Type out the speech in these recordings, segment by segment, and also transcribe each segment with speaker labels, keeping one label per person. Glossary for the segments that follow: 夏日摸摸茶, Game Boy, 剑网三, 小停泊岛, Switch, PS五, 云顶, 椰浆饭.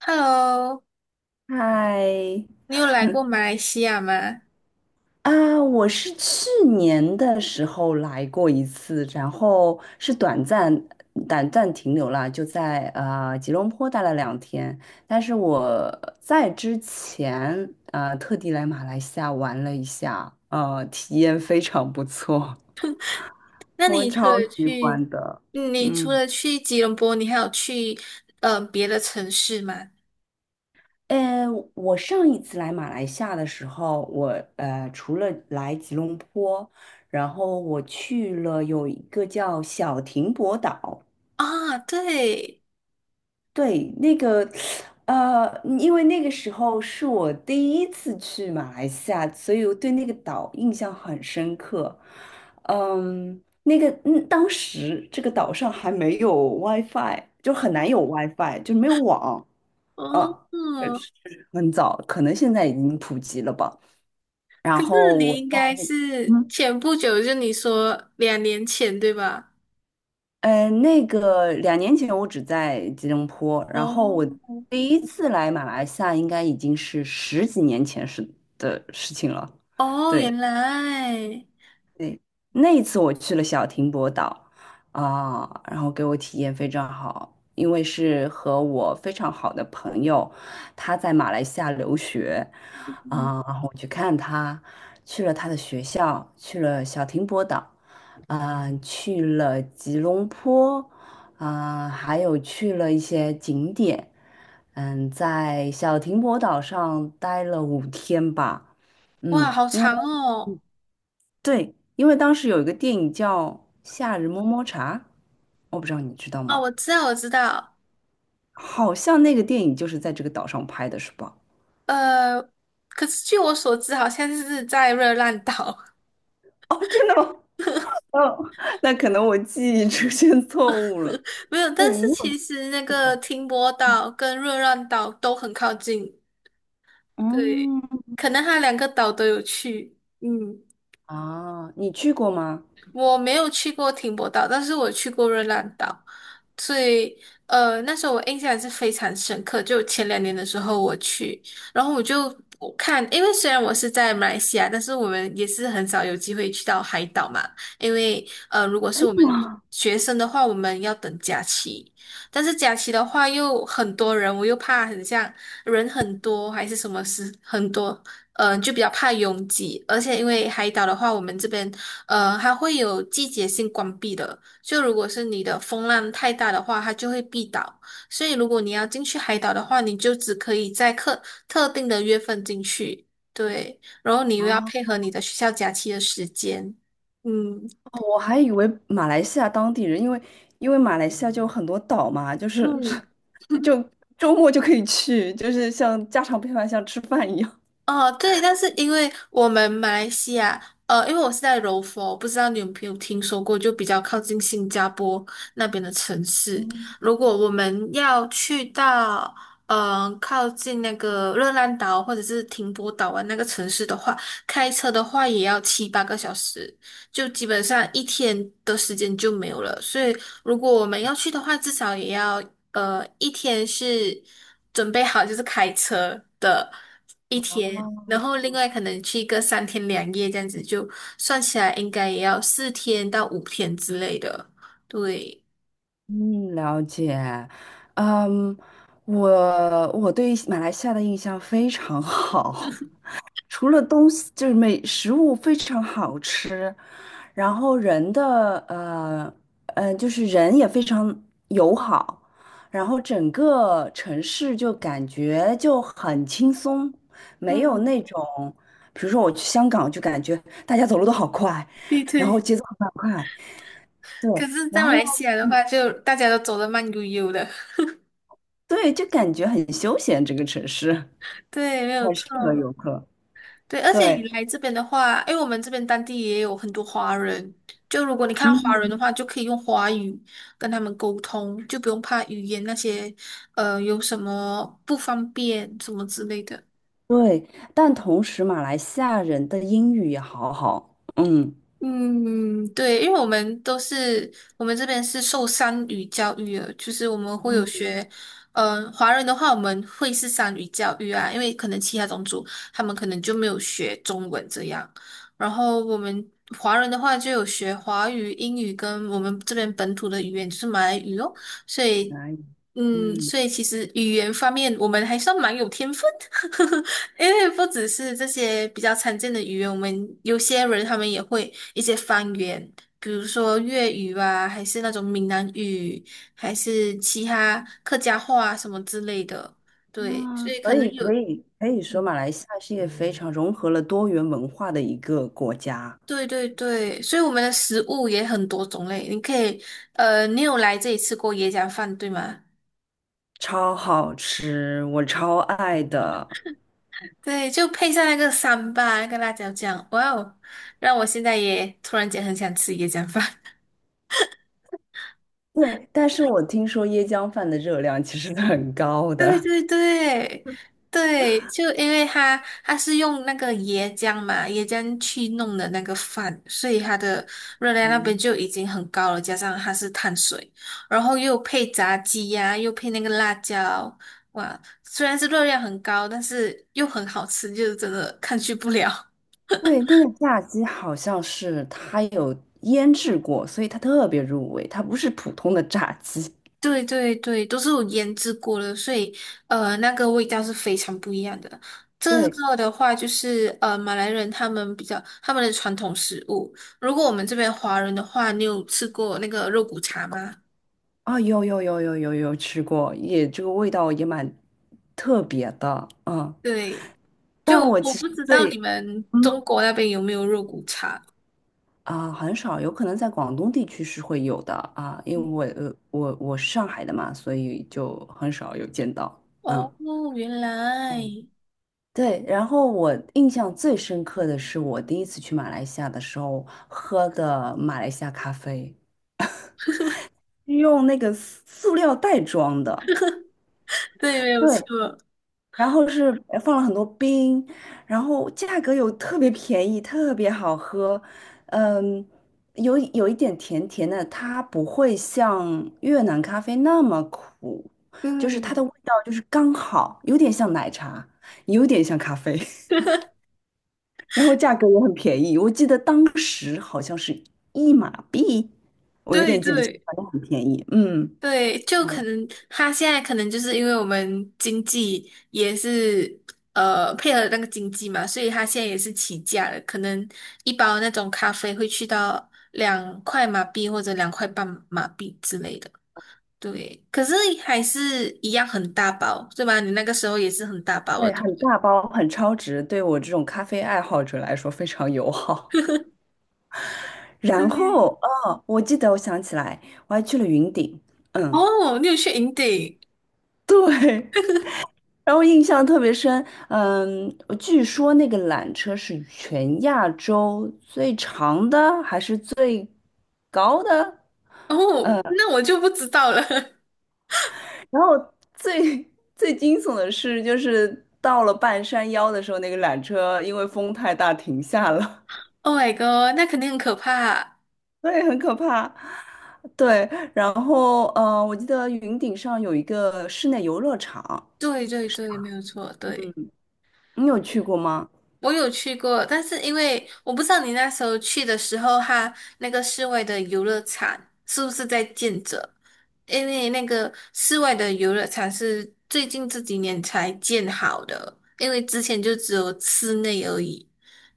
Speaker 1: Hello,
Speaker 2: 嗨，
Speaker 1: 你有来过马来西亚吗？
Speaker 2: 啊，我是去年的时候来过一次，然后是短暂停留了，就在吉隆坡待了2天。但是我在之前特地来马来西亚玩了一下，体验非常不错，
Speaker 1: 那
Speaker 2: 我
Speaker 1: 你除了
Speaker 2: 超喜
Speaker 1: 去，
Speaker 2: 欢的。
Speaker 1: 你除
Speaker 2: 嗯。
Speaker 1: 了去吉隆坡，你还有去别的城市吗？
Speaker 2: 呃，我上一次来马来西亚的时候，我除了来吉隆坡，然后我去了有一个叫小停泊岛，
Speaker 1: 啊，对。
Speaker 2: 对，那个因为那个时候是我第一次去马来西亚，所以我对那个岛印象很深刻。那个当时这个岛上还没有 WiFi,就很难有 WiFi,就没有网。
Speaker 1: 哦，
Speaker 2: 嗯，确是很早，可能现在已经普及了吧。然
Speaker 1: 可是
Speaker 2: 后
Speaker 1: 你
Speaker 2: 我
Speaker 1: 应
Speaker 2: 在，
Speaker 1: 该是
Speaker 2: 嗯，
Speaker 1: 前不久，就你说两年前对吧？
Speaker 2: 呃，那个2年前我只在吉隆坡，然后我
Speaker 1: 哦。
Speaker 2: 第一次来马来西亚应该已经是十几年前是的事情了。
Speaker 1: 哦，
Speaker 2: 对。
Speaker 1: 原来。
Speaker 2: 那一次我去了小停泊岛啊，然后给我体验非常好，因为是和我非常好的朋友，他在马来西亚留学
Speaker 1: 嗯，
Speaker 2: 啊，然后我去看他，去了他的学校，去了小停泊岛，啊，去了吉隆坡，啊，还有去了一些景点，在小停泊岛上待了5天吧。
Speaker 1: 哇，
Speaker 2: 嗯，
Speaker 1: 好长哦。
Speaker 2: 对，因为当时有一个电影叫《夏日摸摸茶》，我不知道你知道
Speaker 1: 哦，
Speaker 2: 吗？
Speaker 1: 我知道，我知道。
Speaker 2: 好像那个电影就是在这个岛上拍的，是吧？
Speaker 1: 呃，可是据我所知，好像是在热浪岛。
Speaker 2: 哦，真的吗？哦，那可能我记忆出现错误了。
Speaker 1: 没有，
Speaker 2: 对，
Speaker 1: 但是
Speaker 2: 你
Speaker 1: 其
Speaker 2: 有
Speaker 1: 实那
Speaker 2: 去
Speaker 1: 个
Speaker 2: 过？
Speaker 1: 停泊岛跟热浪岛都很靠近。对，
Speaker 2: 嗯，
Speaker 1: 可能它两个岛都有去，嗯。
Speaker 2: 啊，你去过吗？
Speaker 1: 我没有去过停泊岛，但是我去过热浪岛，所以那时候我印象是非常深刻。就前两年的时候我去，然后我就我看，因为虽然我是在马来西亚，但是我们也是很少有机会去到海岛嘛，因为如果是我们学生的话，我们要等假期，但是假期的话又很多人，我又怕很像人很多还是什么事很多，就比较怕拥挤，而且因为海岛的话，我们这边它会有季节性关闭的，就如果是你的风浪太大的话，它就会闭岛。所以如果你要进去海岛的话，你就只可以在特定的月份进去。对，然后你又要
Speaker 2: 啊，
Speaker 1: 配合你的学校假期的时间，嗯。
Speaker 2: 我还以为马来西亚当地人，因为马来西亚就有很多岛嘛，就是
Speaker 1: 嗯，
Speaker 2: 就周末就可以去，就是像家常便饭，像吃饭一样。
Speaker 1: 哦，对，但是因为我们马来西亚，因为我是在柔佛，不知道你有没有听说过，就比较靠近新加坡那边的城市。
Speaker 2: 嗯，
Speaker 1: 如果我们要去到，嗯、靠近那个热浪岛或者是停泊岛湾那个城市的话，开车的话也要七八个小时，就基本上一天的时间就没有了。所以如果我们要去的话，至少也要一天是准备好就是开车的一天，
Speaker 2: 啊。
Speaker 1: 然后另外可能去一个三天两夜这样子，就算起来应该也要四天到五天之类的。对，
Speaker 2: 嗯，了解。嗯，我我对马来西亚的印象非常好，除了东西就是美食物非常好吃，然后人的就是人也非常友好，然后整个城市就感觉就很轻松，没有
Speaker 1: 嗯，
Speaker 2: 那种，比如说我去香港就感觉大家走路都好快，
Speaker 1: 对
Speaker 2: 然后
Speaker 1: 对。
Speaker 2: 节奏很快，对，
Speaker 1: 可是，在
Speaker 2: 然
Speaker 1: 马
Speaker 2: 后。
Speaker 1: 来西亚的
Speaker 2: 嗯
Speaker 1: 话，就大家都走得慢悠悠的。
Speaker 2: 对，就感觉很休闲这个城市。
Speaker 1: 对，没有错。对，而且你
Speaker 2: 对，
Speaker 1: 来这边的话，因为我们这边当地也有很多华人，就如果你看华人的
Speaker 2: 嗯，
Speaker 1: 话，就可以用华语跟他们沟通，就不用怕语言那些，有什么不方便什么之类的。
Speaker 2: 对，但同时马来西亚人的英语也好好，嗯，
Speaker 1: 嗯，对，因为我们这边是受三语教育的，就是我们会有
Speaker 2: 嗯，
Speaker 1: 学，华人的话我们会是三语教育啊，因为可能其他种族他们可能就没有学中文这样，然后我们华人的话就有学华语、英语跟我们这边本土的语言就是马来语哦。所
Speaker 2: 可
Speaker 1: 以，
Speaker 2: 以，
Speaker 1: 嗯，
Speaker 2: 嗯，
Speaker 1: 所以其实语言方面我们还算蛮有天分的。因为不只是这些比较常见的语言，我们有些人他们也会一些方言，比如说粤语啊，还是那种闽南语，还是其他客家话啊什么之类的。对，
Speaker 2: 啊，
Speaker 1: 所以可
Speaker 2: 所
Speaker 1: 能
Speaker 2: 以
Speaker 1: 有，
Speaker 2: 可以说
Speaker 1: 嗯，
Speaker 2: 马来西亚是一个非常融合了多元文化的一个国家，
Speaker 1: 对对对，所以我们的食物也很多种类。你可以，你有来这里吃过椰浆饭，对吗？
Speaker 2: 超好吃，我超爱的。
Speaker 1: 对，就配上那个三巴那个辣椒酱，哇哦，让我现在也突然间很想吃椰浆饭。
Speaker 2: 对，但是我听说椰浆饭的热量其实是很高
Speaker 1: 对
Speaker 2: 的。
Speaker 1: 对对对，就因为它是用那个椰浆嘛，椰浆去弄的那个饭，所以它的热 量那边
Speaker 2: 嗯。
Speaker 1: 就已经很高了，加上它是碳水，然后又配炸鸡呀、又配那个辣椒，哇，虽然是热量很高，但是又很好吃，就是真的抗拒不了。
Speaker 2: 对，那个炸鸡好像是它有腌制过，所以它特别入味，它不是普通的炸鸡。
Speaker 1: 对对对，都是有腌制过的，所以那个味道是非常不一样的。这
Speaker 2: 对，
Speaker 1: 个的话，就是马来人他们比较他们的传统食物。如果我们这边华人的话，你有吃过那个肉骨茶吗？
Speaker 2: 啊、有有有有有有吃过，也这个味道也蛮特别的，嗯，
Speaker 1: 对，就我不知道你
Speaker 2: 对，
Speaker 1: 们中
Speaker 2: 嗯，
Speaker 1: 国那边有没有肉骨茶。
Speaker 2: 啊、很少，有可能在广东地区是会有的啊，因为我是上海的嘛，所以就很少有见到，嗯。
Speaker 1: 哦，原来。
Speaker 2: 对，然后我印象最深刻的是我第一次去马来西亚的时候喝的马来西亚咖啡。用那个塑料袋装的，
Speaker 1: 对，没有
Speaker 2: 对，
Speaker 1: 错。
Speaker 2: 然后是放了很多冰，然后价格又特别便宜，特别好喝，嗯，有一点甜甜的，它不会像越南咖啡那么苦，就是它的
Speaker 1: 嗯，
Speaker 2: 味道就是刚好，有点像奶茶，有点像咖啡，然后价格也很便宜，我记得当时好像是1马币，我有
Speaker 1: 对
Speaker 2: 点记不清，
Speaker 1: 对。
Speaker 2: 反正很便宜，嗯。
Speaker 1: 对，就可能他现在可能就是因为我们经济也是配合那个经济嘛，所以他现在也是起价了，可能一包那种咖啡会去到两块马币或者两块半马币之类的。对，可是还是一样很大包，对吧？你那个时候也是很大包的，
Speaker 2: 对，
Speaker 1: 对不
Speaker 2: 很
Speaker 1: 对？
Speaker 2: 大包，很超值，对我这种咖啡爱好者来说非常友好。然
Speaker 1: 对。
Speaker 2: 后，哦，我记得，我想起来，我还去了云顶，嗯，
Speaker 1: 哦，你有去营地。
Speaker 2: 对，然后印象特别深，我据说那个缆车是全亚洲最长的，还是最高的？
Speaker 1: 哦，那我就不知道了。
Speaker 2: 然后最 最惊悚的是，就是到了半山腰的时候，那个缆车因为风太大停下了。
Speaker 1: Oh my god，那肯定很可怕。
Speaker 2: 对，很可怕。对，然后我记得云顶上有一个室内游乐场，
Speaker 1: 对对对，没有错，对。
Speaker 2: 你有去过吗？
Speaker 1: 我有去过，但是因为我不知道你那时候去的时候，它那个室外的游乐场是不是在建着？因为那个室外的游乐场是最近这几年才建好的，因为之前就只有室内而已。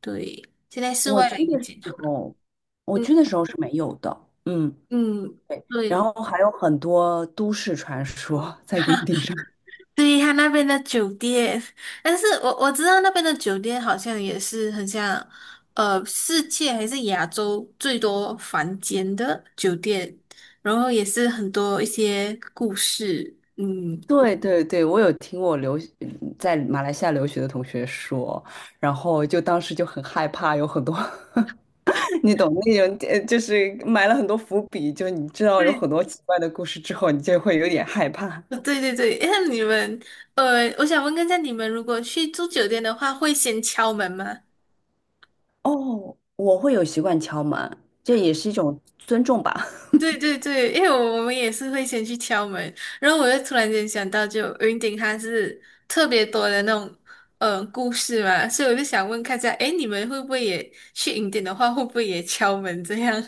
Speaker 1: 对，现在室
Speaker 2: 我
Speaker 1: 外的
Speaker 2: 去
Speaker 1: 也
Speaker 2: 的时
Speaker 1: 建好了。
Speaker 2: 候，我
Speaker 1: 嗯
Speaker 2: 去的时候是没有的，
Speaker 1: 嗯，
Speaker 2: 然
Speaker 1: 对。
Speaker 2: 后还有很多都市传说 在云 顶上。
Speaker 1: 对，他那边的酒店，但是我知道那边的酒店好像也是很像，世界还是亚洲最多房间的酒店，然后也是很多一些故事，嗯，
Speaker 2: 对对对，我有听我留学在马来西亚留学的同学说，然后就当时就很害怕，有很多 你懂那种，就是埋了很多伏笔，就你知道有很多奇怪的故事之后，你就会有点害怕。
Speaker 1: 对对对对，那你们，我想问一下，你们如果去住酒店的话，会先敲门吗？
Speaker 2: 哦，我会有习惯敲门，这也是一种尊重吧。
Speaker 1: 对对对，因为我们也是会先去敲门，然后我就突然间想到，就云顶它是特别多的那种故事嘛，所以我就想问看一下，诶，你们会不会也去云顶的话，会不会也敲门这样？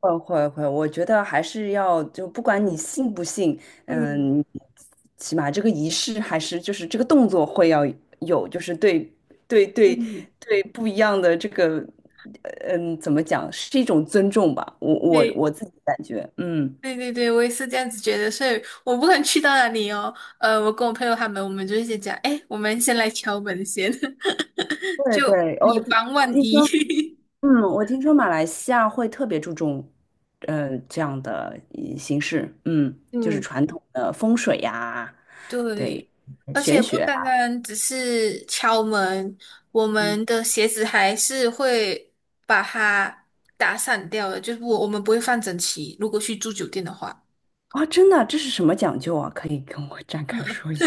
Speaker 2: 会会会，我觉得还是要就不管你信不信，
Speaker 1: 嗯
Speaker 2: 嗯，起码这个仪式还是就是这个动作会要有，就是对对对
Speaker 1: 嗯，
Speaker 2: 对不一样的这个，怎么讲，是一种尊重吧。我 我
Speaker 1: 对
Speaker 2: 我自己感觉，嗯，
Speaker 1: 对对对，我也是这样子觉得，所以我不管去到哪里哦，我跟我朋友他们，我们就会先讲，诶，我们先来敲门先，
Speaker 2: 对
Speaker 1: 就
Speaker 2: 对，
Speaker 1: 以防万一。
Speaker 2: 我听说马来西亚会特别注重，这样的形式，嗯，就是
Speaker 1: 嗯。
Speaker 2: 传统的风水呀，对，
Speaker 1: 对，而
Speaker 2: 玄
Speaker 1: 且不
Speaker 2: 学
Speaker 1: 单
Speaker 2: 啊
Speaker 1: 单只是敲门，我
Speaker 2: 嗯，
Speaker 1: 们的鞋子还是会把它打散掉的，就是我们不会放整齐。如果去住酒店的话，
Speaker 2: 哇，真的，这是什么讲究啊？可以跟我 展开说一下？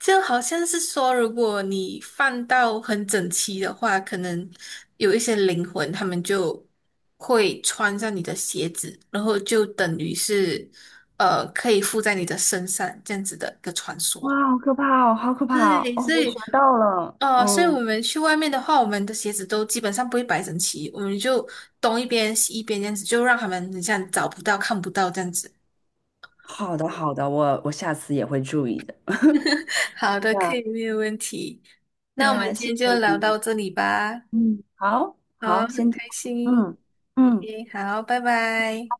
Speaker 1: 就好像是说，如果你放到很整齐的话，可能有一些灵魂，他们就会穿上你的鞋子，然后就等于是可以附在你的身上这样子的一个传
Speaker 2: 哇，
Speaker 1: 说。
Speaker 2: 好可怕哦，好可怕哦！
Speaker 1: 对，
Speaker 2: 哦
Speaker 1: 所
Speaker 2: 我学
Speaker 1: 以
Speaker 2: 到了，
Speaker 1: 哦，所以
Speaker 2: 嗯，
Speaker 1: 我们去外面的话，我们的鞋子都基本上不会摆整齐，我们就东一边西一边这样子，就让他们很像找不到、看不到这样子。
Speaker 2: 好的，好的，我下次也会注意的。
Speaker 1: 好的，
Speaker 2: 呀
Speaker 1: 可以，没有问题。那我们
Speaker 2: 呀，
Speaker 1: 今
Speaker 2: 谢谢
Speaker 1: 天就
Speaker 2: 你，
Speaker 1: 聊到这里吧。
Speaker 2: 嗯，好
Speaker 1: 好，
Speaker 2: 好，
Speaker 1: 很
Speaker 2: 先这
Speaker 1: 开
Speaker 2: 样
Speaker 1: 心。
Speaker 2: 嗯嗯。
Speaker 1: OK，好，拜拜。